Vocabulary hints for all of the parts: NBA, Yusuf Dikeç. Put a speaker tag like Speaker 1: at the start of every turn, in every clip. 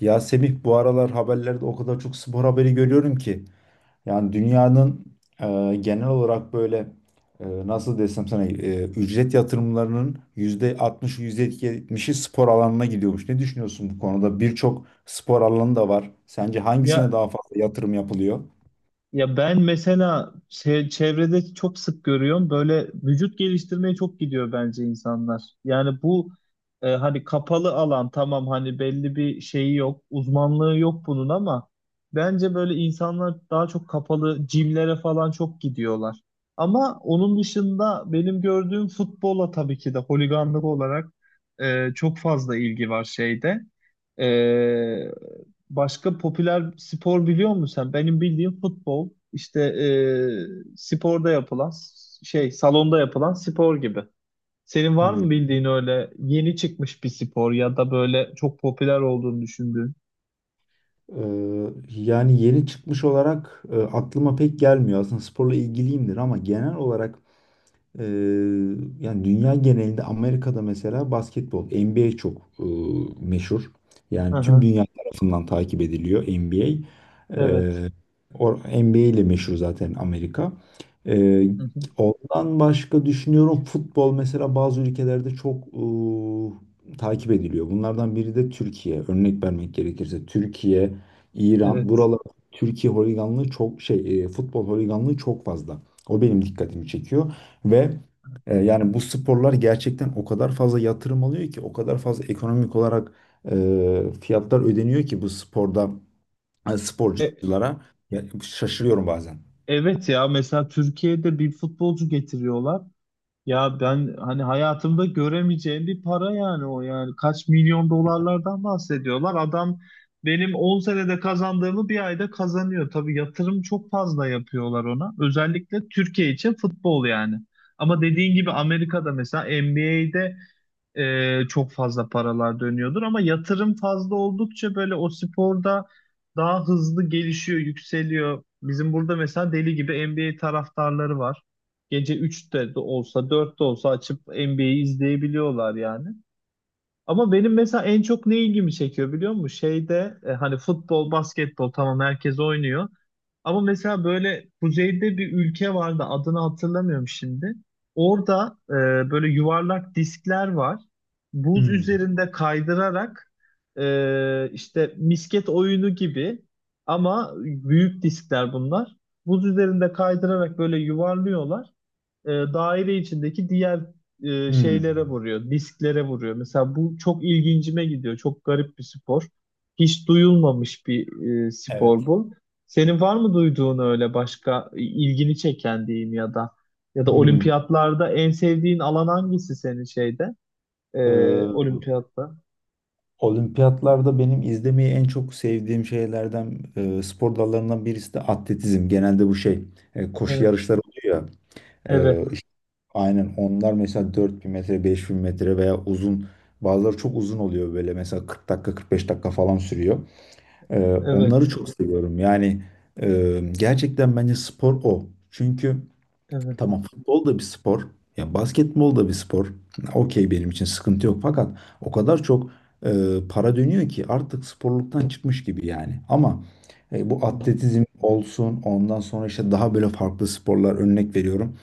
Speaker 1: Ya Semih bu aralar haberlerde o kadar çok spor haberi görüyorum ki. Yani dünyanın genel olarak böyle nasıl desem sana ücret yatırımlarının yüzde %70'i spor alanına gidiyormuş. Ne düşünüyorsun bu konuda? Birçok spor alanı da var. Sence hangisine daha
Speaker 2: Ya
Speaker 1: fazla yatırım yapılıyor?
Speaker 2: Ya ben mesela çevrede çok sık görüyorum, böyle vücut geliştirmeye çok gidiyor bence insanlar. Yani bu hani kapalı alan, tamam hani belli bir şeyi yok, uzmanlığı yok bunun, ama bence böyle insanlar daha çok kapalı jimlere falan çok gidiyorlar. Ama onun dışında benim gördüğüm futbola, tabii ki de holiganlık olarak çok fazla ilgi var şeyde. E, Başka popüler spor biliyor musun sen? Benim bildiğim futbol, işte sporda yapılan şey, salonda yapılan spor gibi. Senin var
Speaker 1: Hmm.
Speaker 2: mı bildiğin öyle yeni çıkmış bir spor ya da böyle çok popüler olduğunu düşündüğün?
Speaker 1: Yani yeni çıkmış olarak aklıma pek gelmiyor. Aslında sporla ilgiliyimdir ama genel olarak. Ee, yani dünya genelinde Amerika'da mesela basketbol, NBA çok meşhur.
Speaker 2: Hı
Speaker 1: Yani tüm
Speaker 2: hı,
Speaker 1: dünya tarafından takip ediliyor NBA.
Speaker 2: evet.
Speaker 1: Ee, NBA ile meşhur zaten Amerika. Ee,
Speaker 2: Hı hı,
Speaker 1: ondan başka düşünüyorum, futbol mesela bazı ülkelerde çok takip ediliyor. Bunlardan biri de Türkiye. Örnek vermek gerekirse Türkiye, İran,
Speaker 2: evet.
Speaker 1: buralar. Türkiye holiganlığı çok futbol holiganlığı çok fazla. O benim dikkatimi çekiyor. Ve yani bu sporlar gerçekten o kadar fazla yatırım alıyor ki, o kadar fazla ekonomik olarak fiyatlar ödeniyor ki bu sporda
Speaker 2: E,
Speaker 1: sporculara. Ya, şaşırıyorum bazen.
Speaker 2: evet, ya mesela Türkiye'de bir futbolcu getiriyorlar. Ya ben hani hayatımda göremeyeceğim bir para yani, o yani kaç milyon dolarlardan bahsediyorlar. Adam benim 10 senede kazandığımı bir ayda kazanıyor. Tabii yatırım çok fazla yapıyorlar ona. Özellikle Türkiye için futbol yani. Ama dediğin gibi Amerika'da mesela NBA'de çok fazla paralar dönüyordur, ama yatırım fazla oldukça böyle o sporda daha hızlı gelişiyor, yükseliyor. Bizim burada mesela deli gibi NBA taraftarları var. Gece üçte de olsa dörtte olsa açıp NBA'yi izleyebiliyorlar yani. Ama benim mesela en çok ne ilgimi çekiyor biliyor musun? Şeyde, hani futbol, basketbol tamam, herkes oynuyor. Ama mesela böyle kuzeyde bir ülke vardı, adını hatırlamıyorum şimdi. Orada böyle yuvarlak diskler var. Buz
Speaker 1: Hmm.
Speaker 2: üzerinde kaydırarak, işte misket oyunu gibi ama büyük diskler bunlar. Buz üzerinde kaydırarak böyle yuvarlıyorlar, daire içindeki diğer
Speaker 1: Hmm,
Speaker 2: şeylere vuruyor, disklere vuruyor. Mesela bu çok ilgincime gidiyor. Çok garip bir spor. Hiç duyulmamış bir spor
Speaker 1: evet.
Speaker 2: bu. Senin var mı duyduğun öyle başka ilgini çeken, diyeyim, ya da
Speaker 1: Hmm.
Speaker 2: olimpiyatlarda en sevdiğin alan hangisi senin şeyde? E,
Speaker 1: Ee,
Speaker 2: Olimpiyatta.
Speaker 1: olimpiyatlarda benim izlemeyi en çok sevdiğim şeylerden, spor dallarından birisi de atletizm. Genelde bu şey, koşu
Speaker 2: Evet,
Speaker 1: yarışları oluyor ya.
Speaker 2: evet,
Speaker 1: e, Aynen, onlar mesela 4.000 metre, 5.000 metre veya uzun, bazıları çok uzun oluyor, böyle mesela 40 dakika, 45 dakika falan sürüyor. Onları
Speaker 2: evet,
Speaker 1: çok seviyorum yani, gerçekten bence spor o. Çünkü
Speaker 2: evet,
Speaker 1: tamam, futbol da bir spor ya, basketbol da bir spor, okey, benim için sıkıntı yok, fakat o kadar çok e, para dönüyor ki artık sporluktan çıkmış gibi yani. Ama bu atletizm olsun, ondan sonra işte daha böyle farklı sporlar, örnek veriyorum.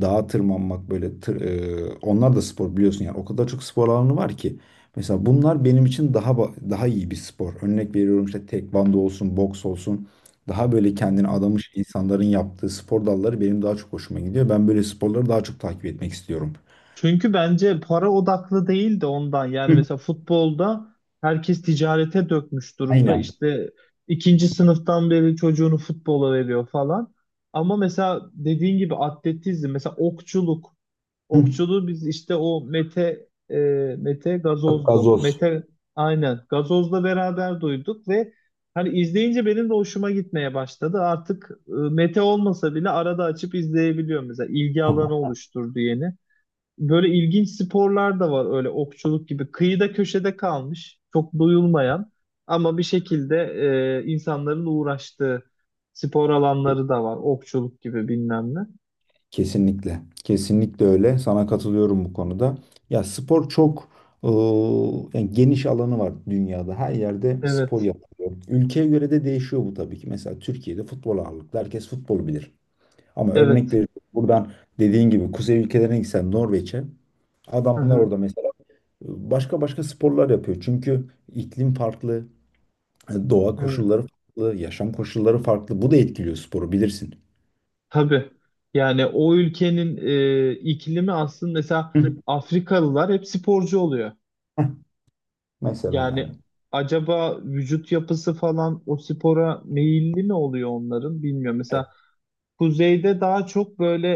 Speaker 1: Dağa tırmanmak, böyle onlar da spor biliyorsun yani, o kadar çok spor alanı var ki. Mesela bunlar benim için daha iyi bir spor. Örnek veriyorum, işte tekvando olsun, boks olsun. Daha böyle kendini
Speaker 2: evet.
Speaker 1: adamış insanların yaptığı spor dalları benim daha çok hoşuma gidiyor. Ben böyle sporları daha çok takip etmek istiyorum.
Speaker 2: Çünkü bence para odaklı değil de ondan. Yani
Speaker 1: Hı,
Speaker 2: mesela futbolda herkes ticarete dökmüş durumda.
Speaker 1: aynen.
Speaker 2: İşte ikinci sınıftan beri çocuğunu futbola veriyor falan. Ama mesela dediğin gibi atletizm, mesela okçuluk.
Speaker 1: Hı.
Speaker 2: Okçuluğu biz işte o Mete Gazoz'du.
Speaker 1: Gazoz.
Speaker 2: Mete, aynen, Gazoz'la beraber duyduk ve hani izleyince benim de hoşuma gitmeye başladı. Artık, Mete olmasa bile arada açıp izleyebiliyorum, mesela ilgi alanı oluşturdu yeni. Böyle ilginç sporlar da var öyle, okçuluk gibi. Kıyıda köşede kalmış, çok duyulmayan ama bir şekilde insanların uğraştığı spor alanları da var. Okçuluk gibi, bilmem ne.
Speaker 1: Kesinlikle. Kesinlikle öyle. Sana katılıyorum bu konuda. Ya spor çok eee, yani, geniş alanı var dünyada. Her yerde spor
Speaker 2: Evet,
Speaker 1: yapılıyor. Ülkeye göre de değişiyor bu tabii ki. Mesela Türkiye'de futbol ağırlıklı. Herkes futbolu bilir. Ama örnek
Speaker 2: evet.
Speaker 1: veriyorum, buradan dediğin gibi kuzey ülkelerine gitsen, Norveç'e,
Speaker 2: Hı
Speaker 1: adamlar
Speaker 2: hı,
Speaker 1: orada mesela başka başka sporlar yapıyor. Çünkü iklim farklı, doğa
Speaker 2: evet.
Speaker 1: koşulları farklı, yaşam koşulları farklı. Bu da etkiliyor sporu, bilirsin.
Speaker 2: Tabii. Yani o ülkenin iklimi aslında, mesela
Speaker 1: Hı.
Speaker 2: Afrikalılar hep sporcu oluyor.
Speaker 1: Heh, mesela
Speaker 2: Yani
Speaker 1: yani.
Speaker 2: acaba vücut yapısı falan o spora meyilli mi oluyor onların, bilmiyorum.
Speaker 1: E-
Speaker 2: Mesela kuzeyde daha çok böyle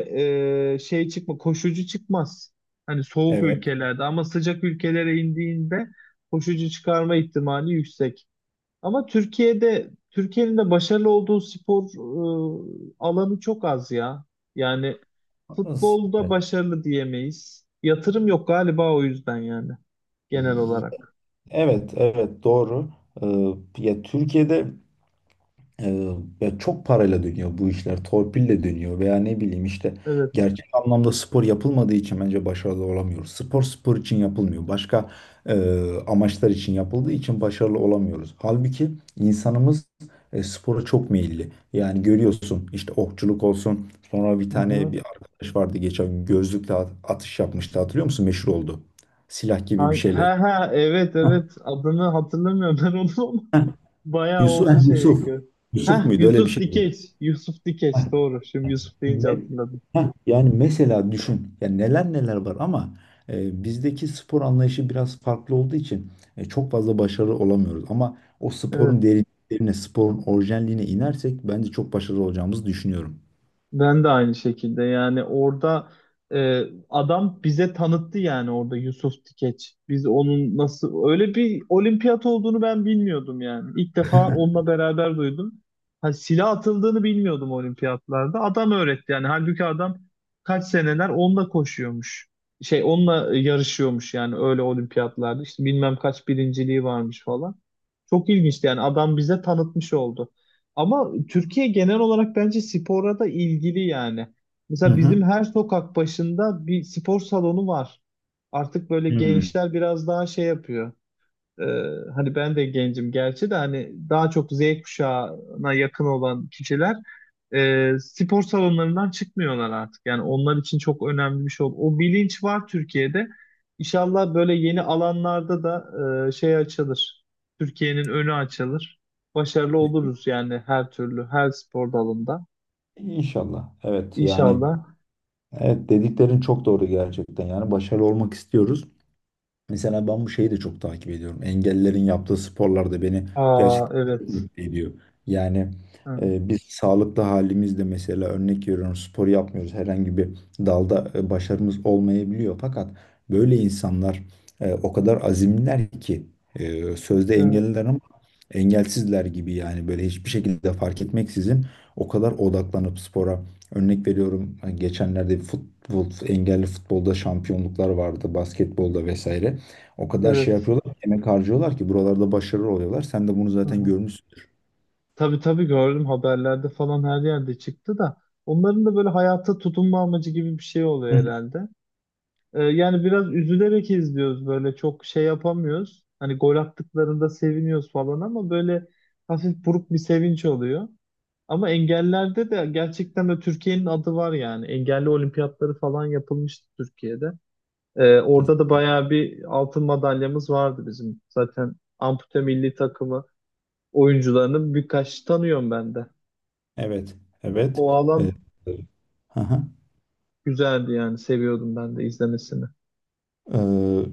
Speaker 2: şey çıkma, koşucu çıkmaz. Hani soğuk
Speaker 1: Evet.
Speaker 2: ülkelerde, ama sıcak ülkelere indiğinde koşucu çıkarma ihtimali yüksek. Ama Türkiye'nin de başarılı olduğu spor alanı çok az ya. Yani
Speaker 1: Hız.
Speaker 2: futbolda
Speaker 1: Evet.
Speaker 2: başarılı diyemeyiz. Yatırım yok galiba, o yüzden yani genel olarak.
Speaker 1: Evet, evet, doğru. Ya Türkiye'de, e, ya çok parayla dönüyor bu işler, torpille dönüyor veya ne bileyim işte,
Speaker 2: Evet.
Speaker 1: gerçek anlamda spor yapılmadığı için bence başarılı olamıyoruz. Spor spor için yapılmıyor, başka e, amaçlar için yapıldığı için başarılı olamıyoruz. Halbuki insanımız spora çok meyilli. Yani görüyorsun işte, okçuluk olsun. Sonra bir
Speaker 2: Hı
Speaker 1: tane
Speaker 2: hı.
Speaker 1: bir arkadaş vardı, geçen gün gözlükle atış yapmıştı, hatırlıyor musun? Meşhur oldu. Silah gibi
Speaker 2: Ha,
Speaker 1: bir şeyle.
Speaker 2: ha, ha, evet,
Speaker 1: Heh,
Speaker 2: evet, adını hatırlamıyorum ben onu. Bayağı
Speaker 1: Yusuf,
Speaker 2: oldu
Speaker 1: heh,
Speaker 2: şey.
Speaker 1: Yusuf.
Speaker 2: Heh,
Speaker 1: Yusuf muydu? Öyle bir
Speaker 2: Yusuf
Speaker 1: şeydi.
Speaker 2: Dikeç. Yusuf Dikeç
Speaker 1: Heh,
Speaker 2: doğru. Şimdi Yusuf deyince
Speaker 1: ne-
Speaker 2: hatırladım.
Speaker 1: Heh, yani mesela düşün, yani neler neler var, ama bizdeki spor anlayışı biraz farklı olduğu için çok fazla başarılı olamıyoruz. Ama o sporun
Speaker 2: Evet.
Speaker 1: derinliklerine, sporun orijinalliğine inersek bence çok başarılı olacağımızı düşünüyorum.
Speaker 2: Ben de aynı şekilde yani, orada e, adam bize tanıttı, yani orada Yusuf Tikeç. Biz onun nasıl öyle bir olimpiyat olduğunu ben bilmiyordum yani. İlk defa onunla beraber duydum. Ha, silah atıldığını bilmiyordum olimpiyatlarda. Adam öğretti yani. Halbuki adam kaç seneler onunla koşuyormuş. Şey, onunla yarışıyormuş yani öyle olimpiyatlarda. İşte bilmem kaç birinciliği varmış falan. Çok ilginçti yani, adam bize tanıtmış oldu. Ama Türkiye genel olarak bence spora da ilgili yani.
Speaker 1: Hı
Speaker 2: Mesela
Speaker 1: hı.
Speaker 2: bizim her sokak başında bir spor salonu var. Artık böyle
Speaker 1: Hı.
Speaker 2: gençler biraz daha şey yapıyor. Ee, Hani ben de gencim gerçi, de hani daha çok Z kuşağına yakın olan kişiler spor salonlarından çıkmıyorlar artık. Yani onlar için çok önemli bir şey oldu. O bilinç var Türkiye'de. İnşallah böyle yeni alanlarda da şey açılır. Türkiye'nin önü açılır. Başarılı oluruz yani her türlü, her spor dalında.
Speaker 1: İnşallah. Evet yani,
Speaker 2: İnşallah.
Speaker 1: evet, dediklerin çok doğru gerçekten. Yani başarılı olmak istiyoruz. Mesela ben bu şeyi de çok takip ediyorum. Engellilerin yaptığı sporlar da beni
Speaker 2: Aa,
Speaker 1: gerçekten çok
Speaker 2: evet.
Speaker 1: mutlu ediyor. Yani
Speaker 2: Ha,
Speaker 1: biz sağlıklı halimizde mesela, örnek veriyorum, spor yapmıyoruz. Herhangi bir dalda başarımız olmayabiliyor. Fakat böyle insanlar o kadar azimliler ki, sözde
Speaker 2: evet.
Speaker 1: engelliler ama engelsizler gibi yani, böyle hiçbir şekilde fark etmeksizin o kadar odaklanıp spora, örnek veriyorum, geçenlerde futbol, engelli futbolda şampiyonluklar vardı, basketbolda vesaire. O kadar şey
Speaker 2: Evet.
Speaker 1: yapıyorlar, emek harcıyorlar ki buralarda başarılı oluyorlar. Sen de bunu
Speaker 2: Hı
Speaker 1: zaten
Speaker 2: hı.
Speaker 1: görmüşsündür.
Speaker 2: Tabii tabii, gördüm haberlerde falan her yerde çıktı da, onların da böyle hayata tutunma amacı gibi bir şey
Speaker 1: Hı.
Speaker 2: oluyor herhalde. Yani biraz üzülerek izliyoruz, böyle çok şey yapamıyoruz. Hani gol attıklarında seviniyoruz falan, ama böyle hafif buruk bir sevinç oluyor. Ama engellerde de gerçekten de Türkiye'nin adı var yani. Engelli olimpiyatları falan yapılmıştı Türkiye'de. Orada da
Speaker 1: Kesin.
Speaker 2: bayağı bir altın madalyamız vardı bizim. Zaten ampute milli takımı oyuncularını birkaç tanıyorum ben de.
Speaker 1: Evet, evet.
Speaker 2: O alan
Speaker 1: Ee, aha.
Speaker 2: güzeldi, yani seviyordum ben de izlemesini.
Speaker 1: Ee,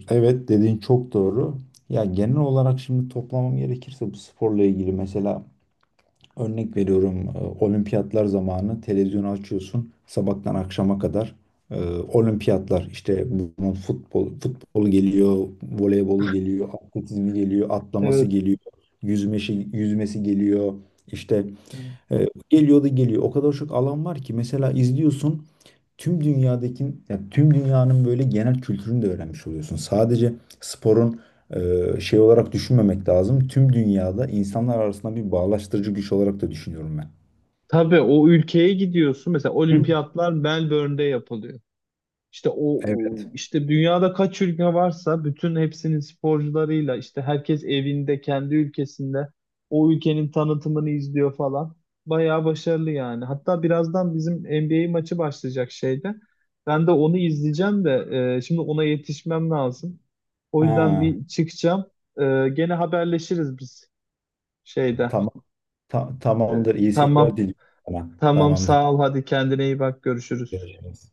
Speaker 1: evet dediğin çok doğru. Ya, genel olarak şimdi toplamam gerekirse, bu sporla ilgili mesela, örnek veriyorum, olimpiyatlar zamanı televizyonu açıyorsun, sabahtan akşama kadar e, olimpiyatlar işte, bunun futbolu geliyor, voleybolu geliyor, atletizmi geliyor, atlaması
Speaker 2: Evet.
Speaker 1: geliyor, yüzmesi geliyor. İşte
Speaker 2: Evet.
Speaker 1: geliyor da geliyor. O kadar çok alan var ki, mesela izliyorsun, tüm dünyadaki, ya tüm dünyanın böyle genel kültürünü de öğrenmiş oluyorsun. Sadece sporun şey olarak düşünmemek lazım. Tüm dünyada insanlar arasında bir bağlaştırıcı güç olarak da düşünüyorum ben.
Speaker 2: Tabii o ülkeye gidiyorsun. Mesela
Speaker 1: Hı.
Speaker 2: olimpiyatlar Melbourne'de yapılıyor. İşte
Speaker 1: Evet.
Speaker 2: işte dünyada kaç ülke varsa bütün hepsinin sporcularıyla, işte herkes evinde, kendi ülkesinde o ülkenin tanıtımını izliyor falan. Bayağı başarılı yani. Hatta birazdan bizim NBA maçı başlayacak şeyde. Ben de onu izleyeceğim de, şimdi ona yetişmem lazım. O yüzden
Speaker 1: Ha,
Speaker 2: bir çıkacağım. Gene haberleşiriz biz şeyde.
Speaker 1: tamam.
Speaker 2: E,
Speaker 1: Tamamdır. İyi seyirler
Speaker 2: tamam.
Speaker 1: diliyorum sana.
Speaker 2: Tamam,
Speaker 1: Tamamdır.
Speaker 2: sağ ol. Hadi, kendine iyi bak. Görüşürüz.
Speaker 1: Görüşürüz.